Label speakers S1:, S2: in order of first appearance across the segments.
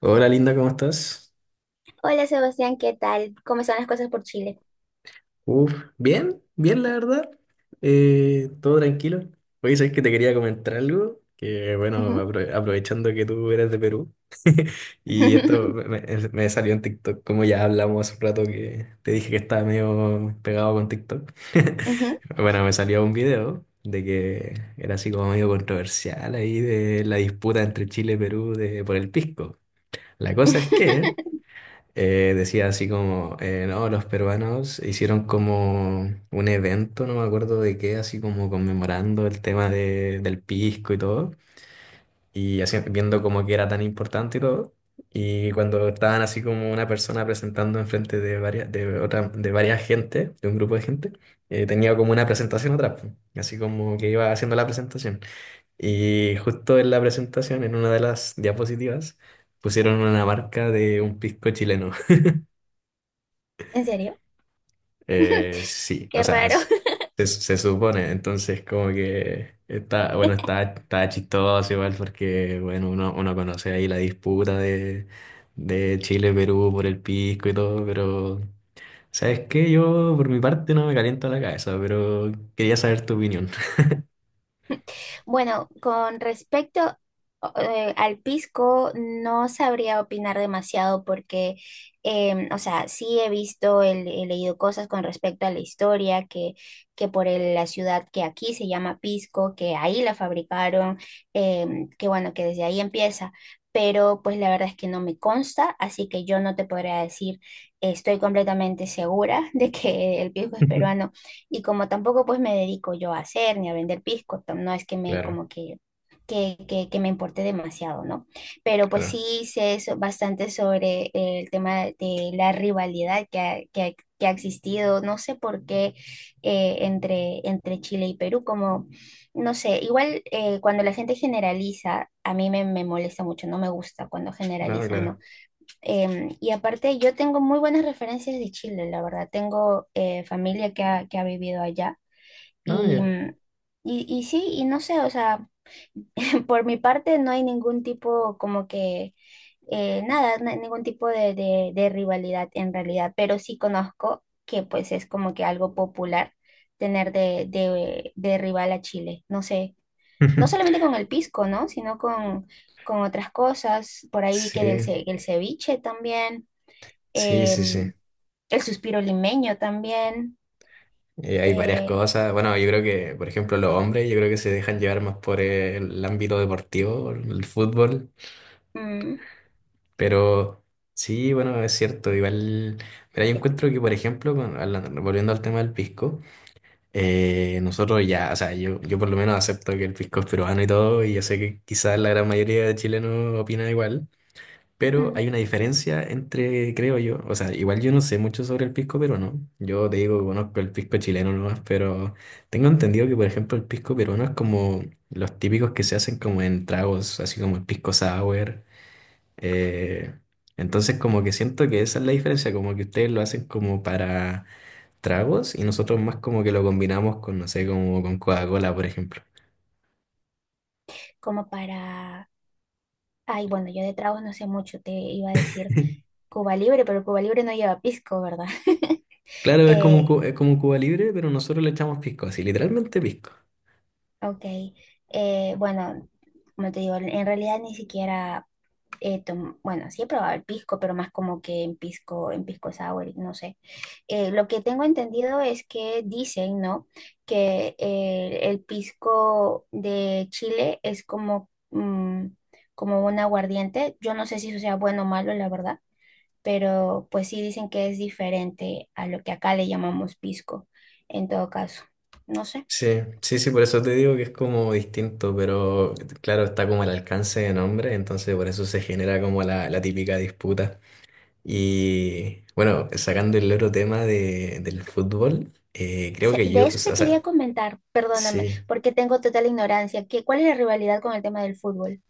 S1: Hola Linda, ¿cómo estás?
S2: Hola Sebastián, ¿qué tal? ¿Cómo están las cosas por Chile?
S1: Uf, bien la verdad. Todo tranquilo. Oye, sabes que te quería comentar algo, que bueno,
S2: Ujú.
S1: aprovechando que tú eres de Perú, y esto me salió en TikTok, como ya hablamos hace un rato que te dije que estaba medio pegado con TikTok.
S2: Ujú.
S1: Bueno, me salió un video de que era así como medio controversial ahí de la disputa entre Chile y Perú de, por el pisco. La cosa es que... decía así como, no, los peruanos hicieron como un evento, no me acuerdo de qué, así como conmemorando el tema del pisco y todo, y así viendo como que era tan importante y todo. Y cuando estaban así como una persona presentando enfrente de varias, de otra, de varias gente, de un grupo de gente, tenía como una presentación atrás, po, así como que iba haciendo la presentación. Y justo en la presentación, en una de las diapositivas, pusieron una marca de un pisco chileno.
S2: ¿En serio?
S1: Sí, o
S2: Qué
S1: sea,
S2: raro.
S1: se, se supone, entonces como que está, bueno, está, está chistoso igual porque, bueno, uno conoce ahí la disputa de Chile-Perú por el pisco y todo, pero, ¿sabes qué? Yo por mi parte no me caliento la cabeza, pero quería saber tu opinión.
S2: Bueno, con respecto al pisco, no sabría opinar demasiado porque, o sea, sí he visto, he leído cosas con respecto a la historia, que por la ciudad que aquí se llama Pisco, que ahí la fabricaron, que bueno, que desde ahí empieza. Pero pues la verdad es que no me consta, así que yo no te podría decir, estoy completamente segura de que el pisco es peruano. Y como tampoco pues me dedico yo a hacer ni a vender pisco, no es que me
S1: Claro,
S2: como que, que me importe demasiado, ¿no? Pero pues
S1: claro,
S2: sí sé bastante sobre el tema de la rivalidad que ha existido, no sé por qué, entre, entre Chile y Perú, como, no sé, igual cuando la gente generaliza, a mí me molesta mucho, no me gusta cuando
S1: no,
S2: generalizan, ¿no?
S1: claro,
S2: Y aparte, yo tengo muy buenas referencias de Chile, la verdad. Tengo familia que ha vivido allá.
S1: no,
S2: Y,
S1: ya.
S2: y sí, y no sé, o sea, por mi parte no hay ningún tipo como que, nada, no hay ningún tipo de, de rivalidad en realidad, pero sí conozco que pues es como que algo popular tener de, de rival a Chile. No sé, no solamente con el pisco, ¿no? Sino con otras cosas. Por ahí vi que del,
S1: Sí,
S2: el ceviche también.
S1: sí, sí, sí.
S2: em, el suspiro limeño también.
S1: Hay varias
S2: eh,
S1: cosas. Bueno, yo creo que, por ejemplo, los hombres, yo creo que se dejan llevar más por el ámbito deportivo, el fútbol.
S2: mm,
S1: Pero sí, bueno, es cierto. Igual, pero yo encuentro que, por ejemplo, volviendo al tema del pisco, nosotros ya, o sea, yo por lo menos acepto que el pisco es peruano y todo, y yo sé que quizás la gran mayoría de chilenos opina igual. Pero hay
S2: mm,
S1: una diferencia entre, creo yo, o sea, igual yo no sé mucho sobre el pisco peruano. Yo te digo, que conozco el pisco chileno nomás, pero tengo entendido que, por ejemplo, el pisco peruano es como los típicos que se hacen como en tragos, así como el pisco sour. eh, entonces, como que siento que esa es la diferencia, como que ustedes lo hacen como para tragos y nosotros más como que lo combinamos con, no sé, como con Coca-Cola, por ejemplo.
S2: Como para... Ay, bueno, yo de tragos no sé mucho, te iba a decir Cuba Libre, pero Cuba Libre no lleva pisco, ¿verdad?
S1: Claro, es como,
S2: Eh,
S1: es como un Cuba Libre, pero nosotros le echamos pisco, así, literalmente pisco.
S2: ok, bueno, como te digo, en realidad ni siquiera bueno, sí he probado el pisco, pero más como que en pisco sour, no sé. Lo que tengo entendido es que dicen, ¿no? Que el pisco de Chile es como, como un aguardiente. Yo no sé si eso sea bueno o malo, la verdad, pero pues sí dicen que es diferente a lo que acá le llamamos pisco, en todo caso. No sé.
S1: Sí, sí, sí, por eso te digo que es como distinto, pero claro, está como el alcance de nombre, entonces por eso se genera como la típica disputa. Y bueno, sacando el otro tema de, del fútbol, creo que
S2: De
S1: yo, o
S2: eso te quería
S1: sea,
S2: comentar, perdóname,
S1: sí.
S2: porque tengo total ignorancia. ¿Qué, cuál es la rivalidad con el tema del fútbol?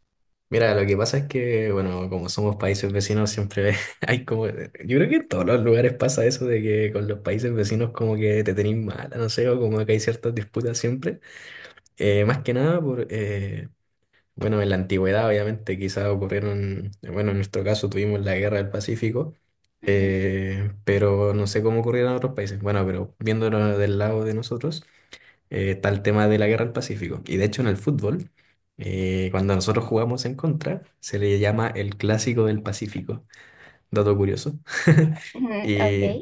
S1: Mira, lo que pasa es que, bueno, como somos países vecinos, siempre hay como, yo creo que en todos los lugares pasa eso de que con los países vecinos como que te tenéis mala, no sé, o como que hay ciertas disputas siempre. Más que nada por, Bueno, en la antigüedad, obviamente, quizás ocurrieron, bueno, en nuestro caso tuvimos la guerra del Pacífico,
S2: Ujú.
S1: pero no sé cómo ocurrieron en otros países. Bueno, pero viéndolo del lado de nosotros, está el tema de la guerra del Pacífico. Y de hecho, en el fútbol, cuando nosotros jugamos en contra, se le llama el clásico del Pacífico. Dato curioso.
S2: Ujú. Ok.
S1: Y,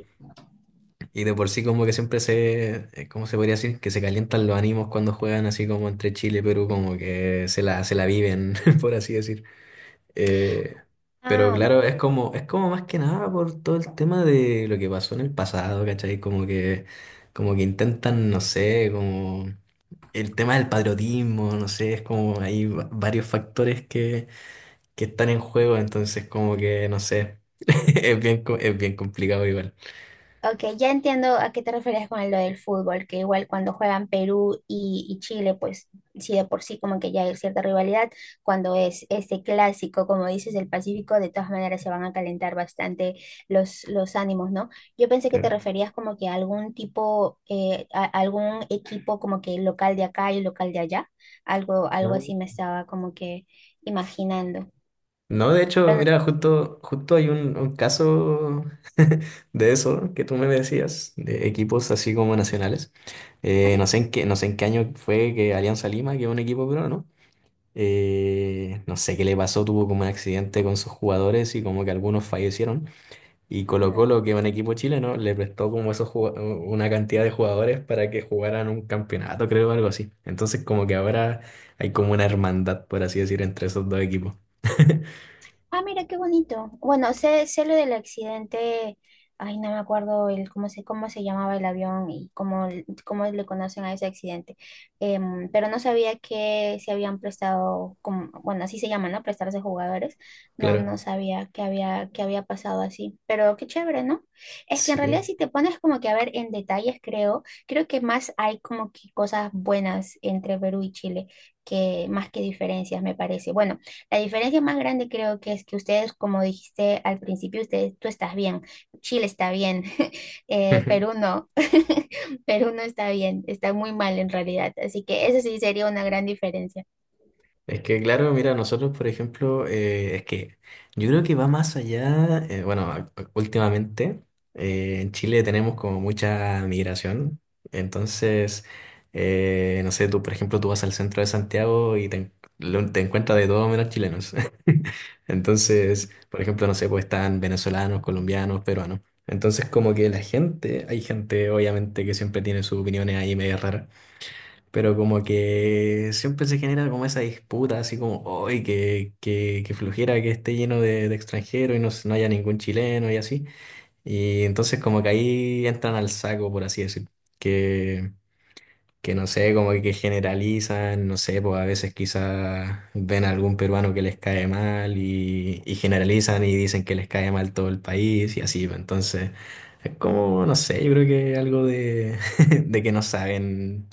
S1: y de por sí como que siempre se, ¿cómo se podría decir? Que se calientan los ánimos cuando juegan así como entre Chile y Perú, como que se la viven, por así decir. Eh, pero
S2: Ah,
S1: claro, es como más que nada por todo el tema de lo que pasó en el pasado, ¿cachai? Como que intentan, no sé, como el tema del patriotismo, no sé, es como hay varios factores que están en juego, entonces como que, no sé, es es bien complicado igual.
S2: ok, ya entiendo a qué te referías con lo del fútbol, que igual cuando juegan Perú y Chile, pues sí, de por sí como que ya hay cierta rivalidad, cuando es este clásico, como dices, del Pacífico, de todas maneras se van a calentar bastante los ánimos, ¿no? Yo pensé que te
S1: Claro.
S2: referías como que a algún tipo, a algún equipo como que local de acá y local de allá, algo, algo así me estaba como que imaginando.
S1: No, de hecho,
S2: Pero
S1: mira,
S2: no...
S1: justo hay un caso de eso que tú me decías, de equipos así como nacionales. No sé en qué año fue que Alianza Lima, que es un equipo peruano, ¿no? Eh, no sé qué le pasó, tuvo como un accidente con sus jugadores y como que algunos fallecieron. Y Colo
S2: ¿así?
S1: Colo, que es un equipo chileno, le prestó como esos una cantidad de jugadores para que jugaran un campeonato, creo, algo así. Entonces como que ahora hay como una hermandad, por así decir, entre esos dos equipos.
S2: Ah, mira qué bonito. Bueno, sé, sé lo del accidente. Ay, no me acuerdo el cómo se llamaba el avión y cómo, cómo le conocen a ese accidente. Pero no sabía que se habían prestado, como, bueno, así se llama, ¿no? Prestarse jugadores. No, no
S1: Claro.
S2: sabía que había pasado así. Pero qué chévere, ¿no? Es que en realidad
S1: Sí.
S2: si te pones como que a ver en detalles, creo, creo que más hay como que cosas buenas entre Perú y Chile, que más que diferencias, me parece. Bueno. La diferencia más grande creo que es que ustedes, como dijiste al principio, ustedes, tú estás bien, Chile está bien, Perú no, Perú no está bien, está muy mal en realidad. Así que eso sí sería una gran diferencia.
S1: Es que, claro, mira, nosotros, por ejemplo, es que yo creo que va más allá, bueno, últimamente en Chile tenemos como mucha migración, entonces, no sé, tú, por ejemplo, tú vas al centro de Santiago y te, te encuentras de todo menos chilenos. Entonces, por ejemplo, no sé, pues están venezolanos, colombianos, peruanos. Entonces, como que la gente, hay gente, obviamente, que siempre tiene sus opiniones ahí medio raras. Pero como que siempre se genera como esa disputa, así como, ¡ay, que flojera que esté lleno de extranjeros y no, no haya ningún chileno y así! Y entonces como que ahí entran al saco, por así decir, que, que no sé, como que generalizan, no sé, pues a veces quizás ven a algún peruano que les cae mal y generalizan y dicen que les cae mal todo el país y así, pues, entonces es como, no sé, yo creo que algo de, de que no saben,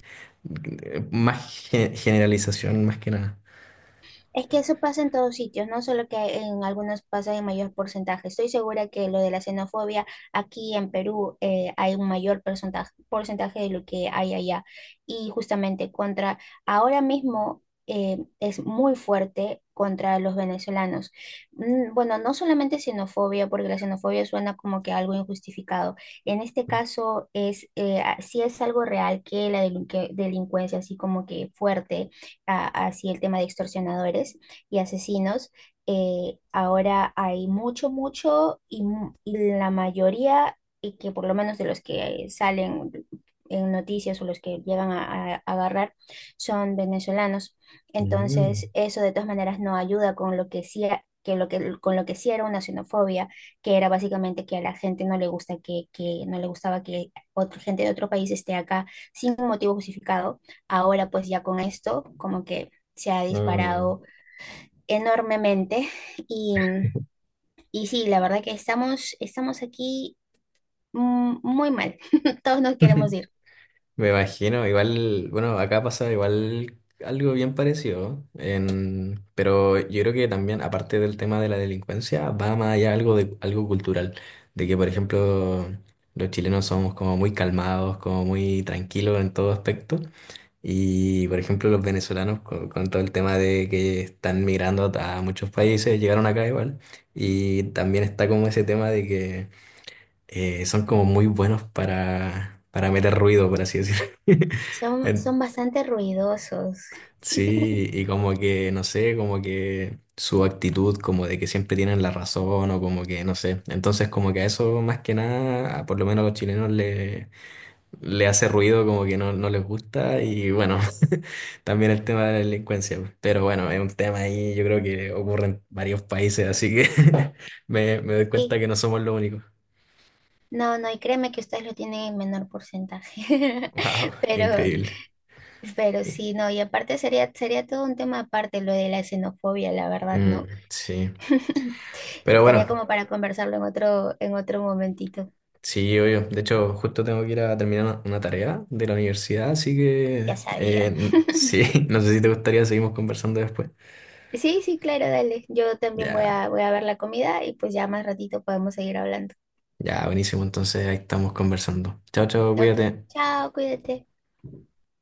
S1: más generalización más que nada.
S2: Es que eso pasa en todos sitios, no solo que en algunos pasa en mayor porcentaje. Estoy segura que lo de la xenofobia aquí en Perú hay un mayor porcentaje, porcentaje de lo que hay allá. Y justamente contra, ahora mismo es muy fuerte contra los venezolanos. Mm. Bueno, no solamente xenofobia, porque la xenofobia suena como que algo injustificado. En este caso es, sí es algo real, que la delincuencia, así como que fuerte hacia el tema de extorsionadores y asesinos. Ahora hay mucho, mucho y, y la mayoría, y que por lo menos de los que salen en noticias o los que llegan a agarrar, son venezolanos.
S1: Mm,
S2: Entonces, eso de todas maneras no ayuda con lo que sí, que lo que, con lo que sí era una xenofobia, que era básicamente que a la gente no le gusta que no le gustaba que otra gente de otro país esté acá sin un motivo justificado. Ahora pues ya con esto como que se ha
S1: mm.
S2: disparado enormemente y, y sí, la verdad que estamos, estamos aquí muy mal. Todos nos queremos ir.
S1: Me imagino, igual, bueno, acá pasa igual algo bien parecido, pero yo creo que también, aparte del tema de la delincuencia, va más allá algo de algo cultural, de que, por ejemplo, los chilenos somos como muy calmados, como muy tranquilos en todo aspecto, y, por ejemplo, los venezolanos con todo el tema de que están migrando a muchos países, llegaron acá igual, y también está como ese tema de que son como muy buenos para meter ruido, por así decirlo.
S2: Son,
S1: En-
S2: son bastante ruidosos.
S1: Sí, y como que, no sé, como que su actitud, como de que siempre tienen la razón o como que, no sé. Entonces, como que a eso más que nada, a por lo menos a los chilenos le, le hace ruido, como que no, no les gusta. Y bueno, también el tema de la delincuencia, pues. Pero bueno, es un tema ahí, yo creo que ocurre en varios países, así que me doy cuenta
S2: Sí,
S1: que no somos los únicos.
S2: no, no, y créeme que ustedes lo tienen en menor porcentaje,
S1: Wow,
S2: pero
S1: increíble.
S2: Pero sí, no, y aparte sería, sería todo un tema aparte lo de la xenofobia, la verdad,
S1: Mm,
S2: ¿no?
S1: sí, pero
S2: Estaría
S1: bueno,
S2: como para conversarlo en otro momentito,
S1: sí, obvio. De hecho, justo tengo que ir a terminar una tarea de la universidad, así
S2: ya
S1: que
S2: sabía.
S1: sí, no sé si te gustaría, seguimos conversando después.
S2: Sí, sí, claro, dale. Yo también voy
S1: Ya,
S2: a, voy a ver la comida y pues ya más ratito podemos seguir hablando.
S1: ya, buenísimo, entonces ahí estamos conversando. Chao, chao,
S2: Ok,
S1: cuídate.
S2: chao, cuídate.